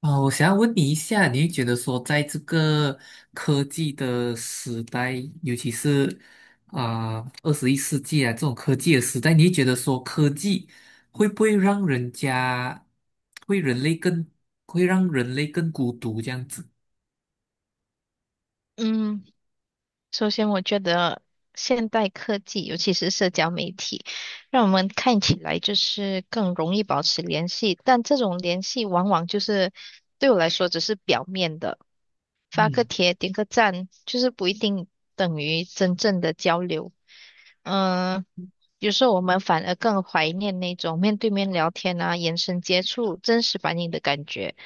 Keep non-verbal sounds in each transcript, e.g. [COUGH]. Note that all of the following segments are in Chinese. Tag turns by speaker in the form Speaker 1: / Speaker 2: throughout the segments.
Speaker 1: 啊，我想要问你一下，你会觉得说，在这个科技的时代，尤其是二十一世纪啊这种科技的时代，你会觉得说，科技会不会让人家，会人类更，会让人类更孤独这样子？
Speaker 2: 嗯，首先我觉得现代科技，尤其是社交媒体，让我们看起来就是更容易保持联系，但这种联系往往就是对我来说只是表面的，发个
Speaker 1: 嗯
Speaker 2: 帖、点个赞，就是不一定等于真正的交流。嗯、有时候我们反而更怀念那种面对面聊天啊、眼神接触、真实反应的感觉。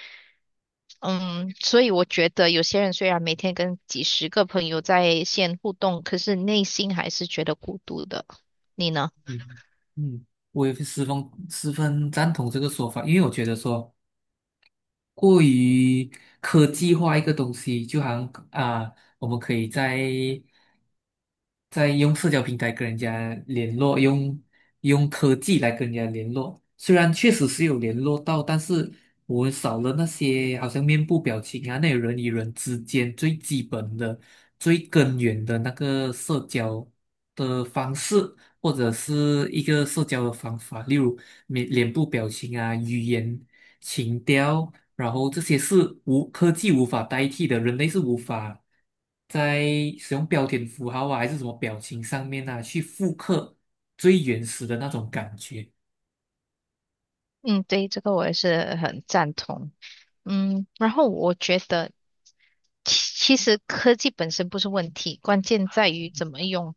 Speaker 2: 嗯，所以我觉得有些人虽然每天跟几十个朋友在线互动，可是内心还是觉得孤独的。你呢？
Speaker 1: 嗯嗯，我也是十分赞同这个说法，因为我觉得说过于科技化一个东西，就好像啊、我们可以在用社交平台跟人家联络，用科技来跟人家联络。虽然确实是有联络到，但是我们少了那些好像面部表情啊，那种人与人之间最基本的、最根源的那个社交的方式，或者是一个社交的方法，例如脸部表情啊、语言。情调，然后这些是无科技无法代替的，人类是无法在使用标点符号啊，还是什么表情上面啊，去复刻最原始的那种感觉。
Speaker 2: 嗯，对，这个我也是很赞同。然后我觉得，其实科技本身不是问题，关键在于怎么用。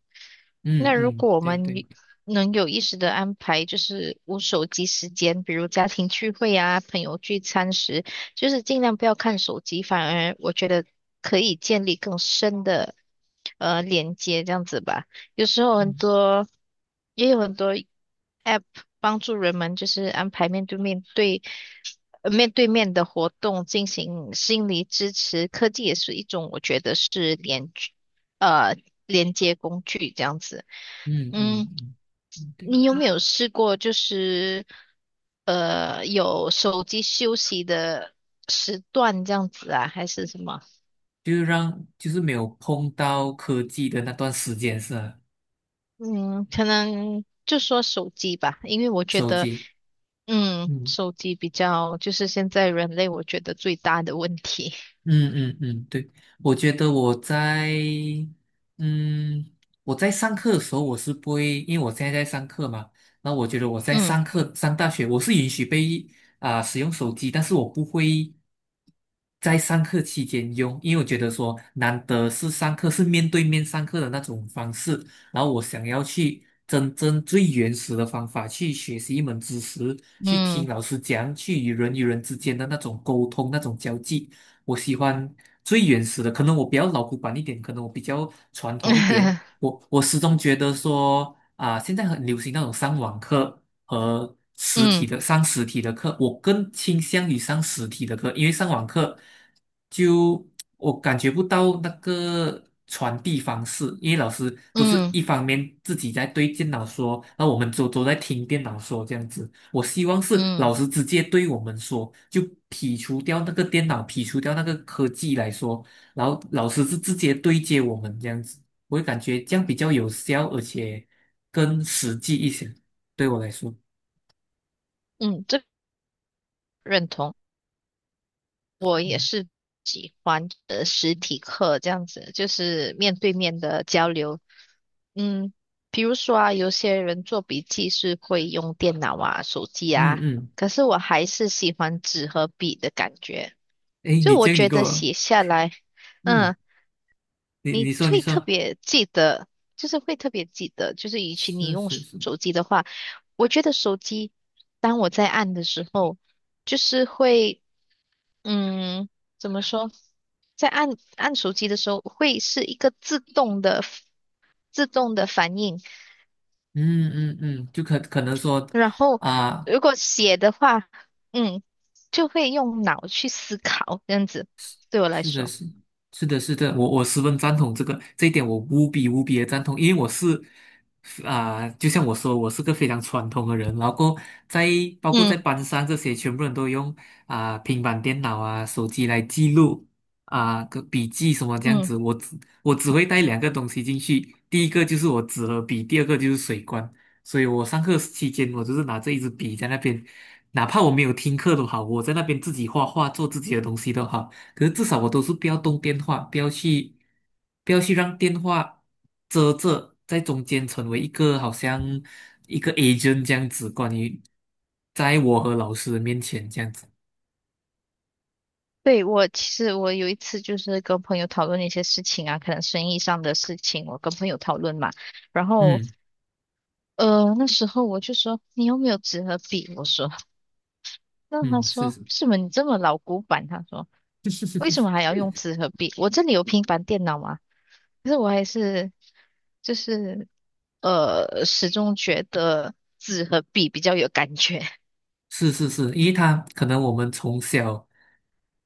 Speaker 1: 嗯
Speaker 2: 那如
Speaker 1: 嗯，
Speaker 2: 果我
Speaker 1: 对
Speaker 2: 们有
Speaker 1: 对，
Speaker 2: 能有意识的安排，就是无手机时间，比如家庭聚会啊、朋友聚餐时，就是尽量不要看手机，反而我觉得可以建立更深的连接，这样子吧。有时候很
Speaker 1: 嗯
Speaker 2: 多，也有很多。帮助人们就是安排面对面的活动进行心理支持。科技也是一种，我觉得是呃连接工具这样子。
Speaker 1: 嗯嗯
Speaker 2: 嗯，
Speaker 1: 嗯，嗯对
Speaker 2: 你有
Speaker 1: 对，
Speaker 2: 没有试过就是有手机休息的时段这样子啊，还是什么？
Speaker 1: 就是让就是没有碰到科技的那段时间是吧？
Speaker 2: 嗯，可能就说手机吧，因为我觉
Speaker 1: 手
Speaker 2: 得，
Speaker 1: 机，嗯。
Speaker 2: 手机比较就是现在人类我觉得最大的问题。
Speaker 1: 嗯嗯嗯，对，我觉得我在，嗯，我在上课的时候，我是不会，因为我现在在上课嘛，那我觉得我在
Speaker 2: 嗯
Speaker 1: 上课上大学，我是允许被使用手机，但是我不会在上课期间用，因为我觉得说难得是上课是面对面上课的那种方式，然后我想要去真正最原始的方法去学习一门知识，去听
Speaker 2: 嗯。
Speaker 1: 老师讲，去与人与人之间的那种沟通，那种交际。我喜欢最原始的，可能我比较老古板一点，可能我比较传统一点。
Speaker 2: [LAUGHS]
Speaker 1: 我始终觉得说现在很流行那种上网课，和实体
Speaker 2: 嗯
Speaker 1: 的上实体的课，我更倾向于上实体的课，因为上网课就我感觉不到那个传递方式，因为老师都是
Speaker 2: 嗯
Speaker 1: 一方面自己在对电脑说，那我们都在听电脑说这样子。我希望是
Speaker 2: 嗯
Speaker 1: 老师直接对我们说，就剔除掉那个电脑，剔除掉那个科技来说，然后老师是直接对接我们这样子，我会感觉这样比较有效，而且更实际一些，对我来说。
Speaker 2: 嗯，这个认同，我也
Speaker 1: 嗯
Speaker 2: 是的，就是面对面的交流。嗯，比如说啊，有些人做笔记是会用电脑啊、手机
Speaker 1: 嗯
Speaker 2: 啊，
Speaker 1: 嗯，
Speaker 2: 可是我还是喜欢纸和笔的感觉。
Speaker 1: 诶，
Speaker 2: 就
Speaker 1: 你
Speaker 2: 我
Speaker 1: 这个你
Speaker 2: 觉
Speaker 1: 给
Speaker 2: 得
Speaker 1: 我，
Speaker 2: 写下来，
Speaker 1: 嗯，
Speaker 2: 嗯。
Speaker 1: 你
Speaker 2: 你
Speaker 1: 你说你
Speaker 2: 会特
Speaker 1: 说，
Speaker 2: 别记得，就是会特别记得，就是与其你
Speaker 1: 是
Speaker 2: 用
Speaker 1: 是
Speaker 2: 手
Speaker 1: 是，
Speaker 2: 手机的话，我觉得手机，当我在按的时候，就是会，嗯，怎么说，在按手机的时候，会是一个自动的反应，
Speaker 1: 嗯嗯嗯，就可能说
Speaker 2: 然后
Speaker 1: 啊、
Speaker 2: 如果写的话，嗯，就会用脑去思考，这样子对我来
Speaker 1: 是的，
Speaker 2: 说，
Speaker 1: 是的，是的，我十分赞同这个这一点，我无比无比的赞同，因为我是就像我说，我是个非常传统的人，然后在包括在
Speaker 2: 嗯
Speaker 1: 班上这些，全部人都用平板电脑啊、手机来记录个笔记什么这样
Speaker 2: 嗯。
Speaker 1: 子，我只会带两个东西进去，第一个就是我纸和笔，第二个就是水罐，所以我上课期间我就是拿这一支笔在那边，哪怕我没有听课都好，我在那边自己画画做自己的东西都好。可是至少我都是不要动电话，不要去，不要去让电话遮着，在中间成为一个好像一个 agent 这样子，关于在我和老师的面前这样子。
Speaker 2: 对，我其实我有一次就是跟朋友讨论一些事情啊，可能生意上的事情，我跟朋友讨论嘛，然后
Speaker 1: 嗯
Speaker 2: 那时候我就说你有没有纸和笔？我说，那他
Speaker 1: 嗯，是
Speaker 2: 说
Speaker 1: 是。
Speaker 2: 是什么你这么老古板？他说为什么
Speaker 1: [LAUGHS]
Speaker 2: 还要用纸和笔？我这里有平板电脑嘛，可是我还是就是始终觉得纸和笔比较有感觉，
Speaker 1: 是是是，因为他可能我们从小，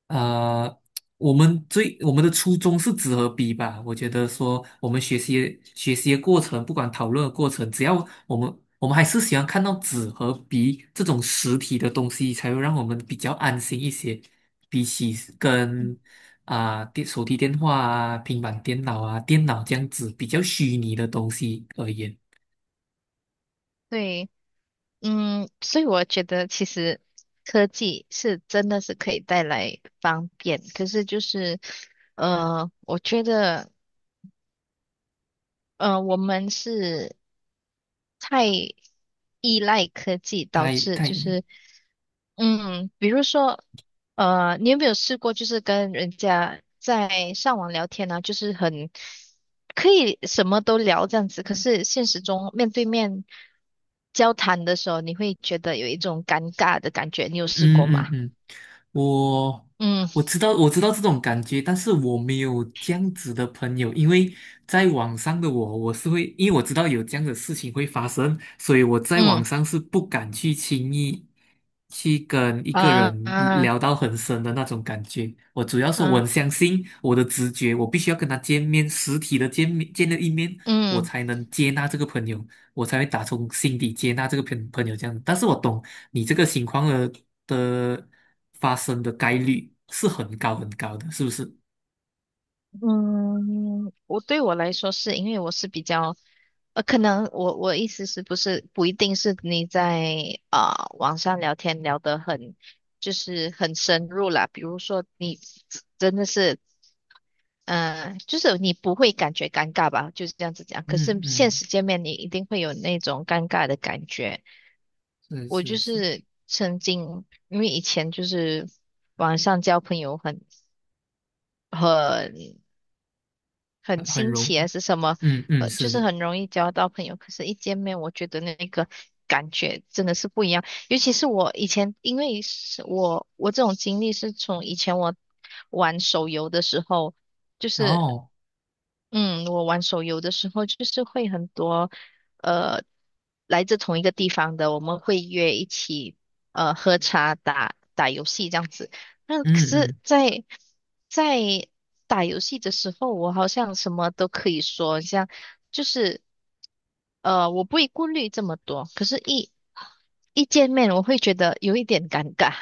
Speaker 1: 呃，我们最我们的初衷是纸和笔吧。我觉得说我们学习的过程，不管讨论的过程，只要我们还是喜欢看到纸和笔这种实体的东西，才会让我们比较安心一些，比起跟手提电话啊、平板电脑啊、电脑这样子比较虚拟的东西而言，
Speaker 2: [LAUGHS] 对。所以我觉得其实科技是真的是可以带来方便，可是就是，我觉得，我们是太依赖科技，导
Speaker 1: 太
Speaker 2: 致
Speaker 1: 太。
Speaker 2: 就是，比如说，你有没有试过，就是跟人家在上网聊天呢、就是很可以什么都聊这样子，可是现实中面对面交谈的时候，你会觉得有一种尴尬的感觉，你有试
Speaker 1: 嗯
Speaker 2: 过
Speaker 1: 嗯
Speaker 2: 吗？
Speaker 1: 嗯，我我
Speaker 2: 嗯
Speaker 1: 知道我知道这种感觉，但是我没有这样子的朋友，因为在网上的我，我是会，因为我知道有这样的事情会发生，所以我在网
Speaker 2: 嗯
Speaker 1: 上是不敢去轻易去跟一个
Speaker 2: 啊
Speaker 1: 人
Speaker 2: 啊
Speaker 1: 聊到很深的那种感觉。我主要是我
Speaker 2: 啊
Speaker 1: 很相信我的直觉，我必须要跟他见面，实体的见面见了一面，我
Speaker 2: 嗯
Speaker 1: 才能接纳这个朋友。我才会打从心底接纳这个朋友这样。但是我懂你这个情况的发生的概率是很高很高的，是不是？
Speaker 2: 对我来说是因为我是比较。可能我意思是不是不一定是你在啊、网上聊天聊得很就是很深入啦，比如说你真的是就是你不会感觉尴尬吧，就是这样子讲。可是
Speaker 1: 嗯
Speaker 2: 现
Speaker 1: 嗯，
Speaker 2: 实见面，你一定会有那种尴尬的感觉。
Speaker 1: 是
Speaker 2: 我就
Speaker 1: 是是，
Speaker 2: 是曾经因为以前就是网上交朋友很
Speaker 1: 很
Speaker 2: 很
Speaker 1: 很
Speaker 2: 新
Speaker 1: 容，
Speaker 2: 奇还是什么，
Speaker 1: 嗯嗯
Speaker 2: 就
Speaker 1: 是
Speaker 2: 是
Speaker 1: 的。
Speaker 2: 很容易交到朋友。可是，一见面，我觉得那个感觉真的是不一样。尤其是我以前，因为是我这种经历是从以前我玩手游的时候，就
Speaker 1: 然
Speaker 2: 是
Speaker 1: 后
Speaker 2: 嗯，我玩手游的时候，就是会很多，呃，来自同一个地方的，我们会约一起，喝茶、打打游戏这样子。那可
Speaker 1: 嗯
Speaker 2: 是
Speaker 1: 嗯。
Speaker 2: 在，打游戏的时候，我好像什么都可以说，像就是，我不会顾虑这么多。可是一见面，我会觉得有一点尴尬，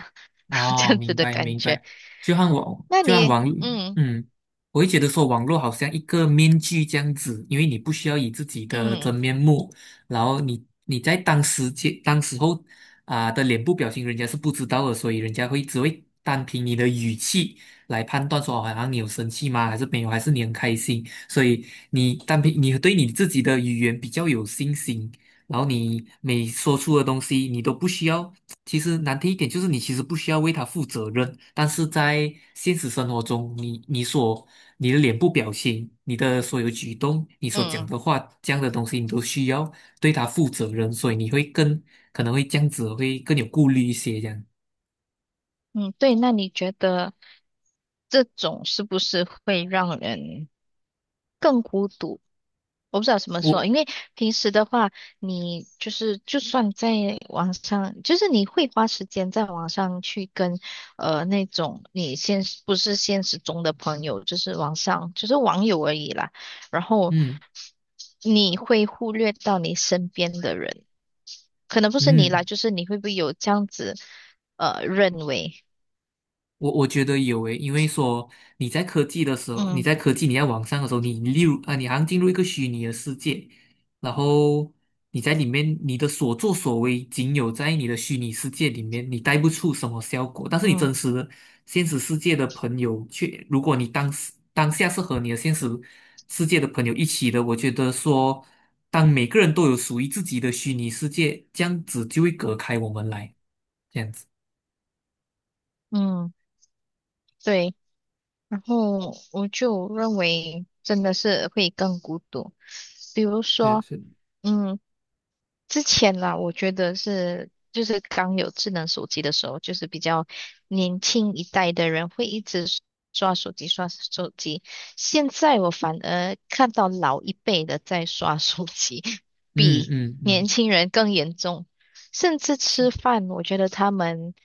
Speaker 2: [LAUGHS] 这
Speaker 1: 哦，
Speaker 2: 样子
Speaker 1: 明
Speaker 2: 的
Speaker 1: 白
Speaker 2: 感
Speaker 1: 明
Speaker 2: 觉。
Speaker 1: 白，
Speaker 2: 那
Speaker 1: 就像
Speaker 2: 你，
Speaker 1: 网，
Speaker 2: 嗯
Speaker 1: 嗯，我会觉得说网络好像一个面具这样子，因为你不需要以自己的
Speaker 2: 嗯
Speaker 1: 真面目，然后你在当时候的脸部表情，人家是不知道的，所以人家会只会单凭你的语气来判断说，哦，好像你有生气吗？还是没有？还是你很开心？所以你单凭你对你自己的语言比较有信心，然后你每说出的东西，你都不需要。其实难听一点，就是你其实不需要为他负责任。但是在现实生活中，你的脸部表情、你的所有举动、你所讲
Speaker 2: 嗯。
Speaker 1: 的话，这样的东西，你都需要对他负责任。所以你会更可能会这样子，会更有顾虑一些。这样，
Speaker 2: 嗯，对，那你觉得这种是不是会让人更孤独？我不知道怎么说，
Speaker 1: 我
Speaker 2: 因为平时的话，你就是就算在网上，就是你会花时间在网上去跟那种你现实不是现实中的朋友，就是网上就是网友而已啦。然后
Speaker 1: 嗯
Speaker 2: 你会忽略到你身边的人，可能不是你啦，
Speaker 1: 嗯。
Speaker 2: 就是你会不会有这样子认为？
Speaker 1: 我我觉得有诶，因为说你
Speaker 2: 嗯
Speaker 1: 在科技你在网上的时候，你例如啊，你好像进入一个虚拟的世界，然后你在里面你的所作所为仅有在你的虚拟世界里面，你带不出什么效果。但是你
Speaker 2: 嗯。
Speaker 1: 真实的现实世界的朋友却，如果你当时当下是和你的现实世界的朋友一起的，我觉得说，当每个人都有属于自己的虚拟世界，这样子就会隔开我们来，这样子。
Speaker 2: 嗯，对，然后我就认为真的是会更孤独。比如
Speaker 1: 是
Speaker 2: 说，
Speaker 1: 是，
Speaker 2: 嗯。之前啦，我觉得是就是刚有智能手机的时候，就是比较年轻一代的人会一直刷手机刷手机。现在我反而看到老一辈的在刷手机，[LAUGHS]
Speaker 1: 嗯
Speaker 2: 比
Speaker 1: 嗯
Speaker 2: 年
Speaker 1: 嗯
Speaker 2: 轻人更严重。甚至吃饭，我觉得他们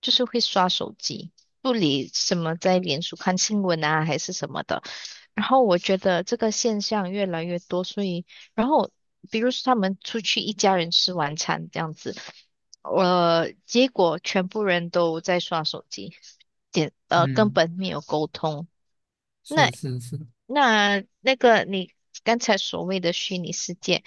Speaker 2: 就是会刷手机，不理什么在脸书看新闻啊，还是什么的。然后我觉得这个现象越来越多，所以，然后比如说他们出去一家人吃晚餐这样子，结果全部人都在刷手机，点根
Speaker 1: 嗯。
Speaker 2: 本没有沟通。
Speaker 1: 是
Speaker 2: 那
Speaker 1: 是是，
Speaker 2: 那个你刚才所谓的虚拟世界，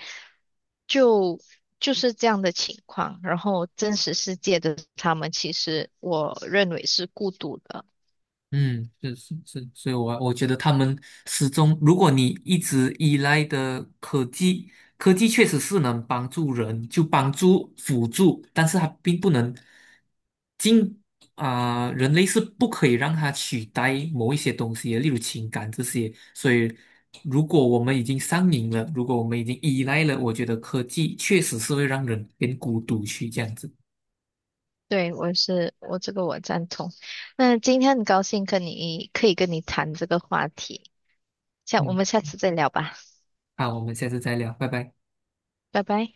Speaker 2: 就就是这样的情况。然后真实世界的他们，其实我认为是孤独的。
Speaker 1: 嗯，是是是，所以我觉得他们始终，如果你一直依赖的科技，科技确实是能帮助人，就帮助辅助，但是它并不能进人类是不可以让它取代某一些东西的，例如情感这些。所以，如果我们已经上瘾了，如果我们已经依赖了，我觉得科技确实是会让人变孤独去这样子。
Speaker 2: 对，我是，我这个我赞同。那今天很高兴可以跟你谈这个话题，我
Speaker 1: 嗯，
Speaker 2: 们下次再聊吧，
Speaker 1: 好，我们下次再聊，拜拜。
Speaker 2: 拜拜。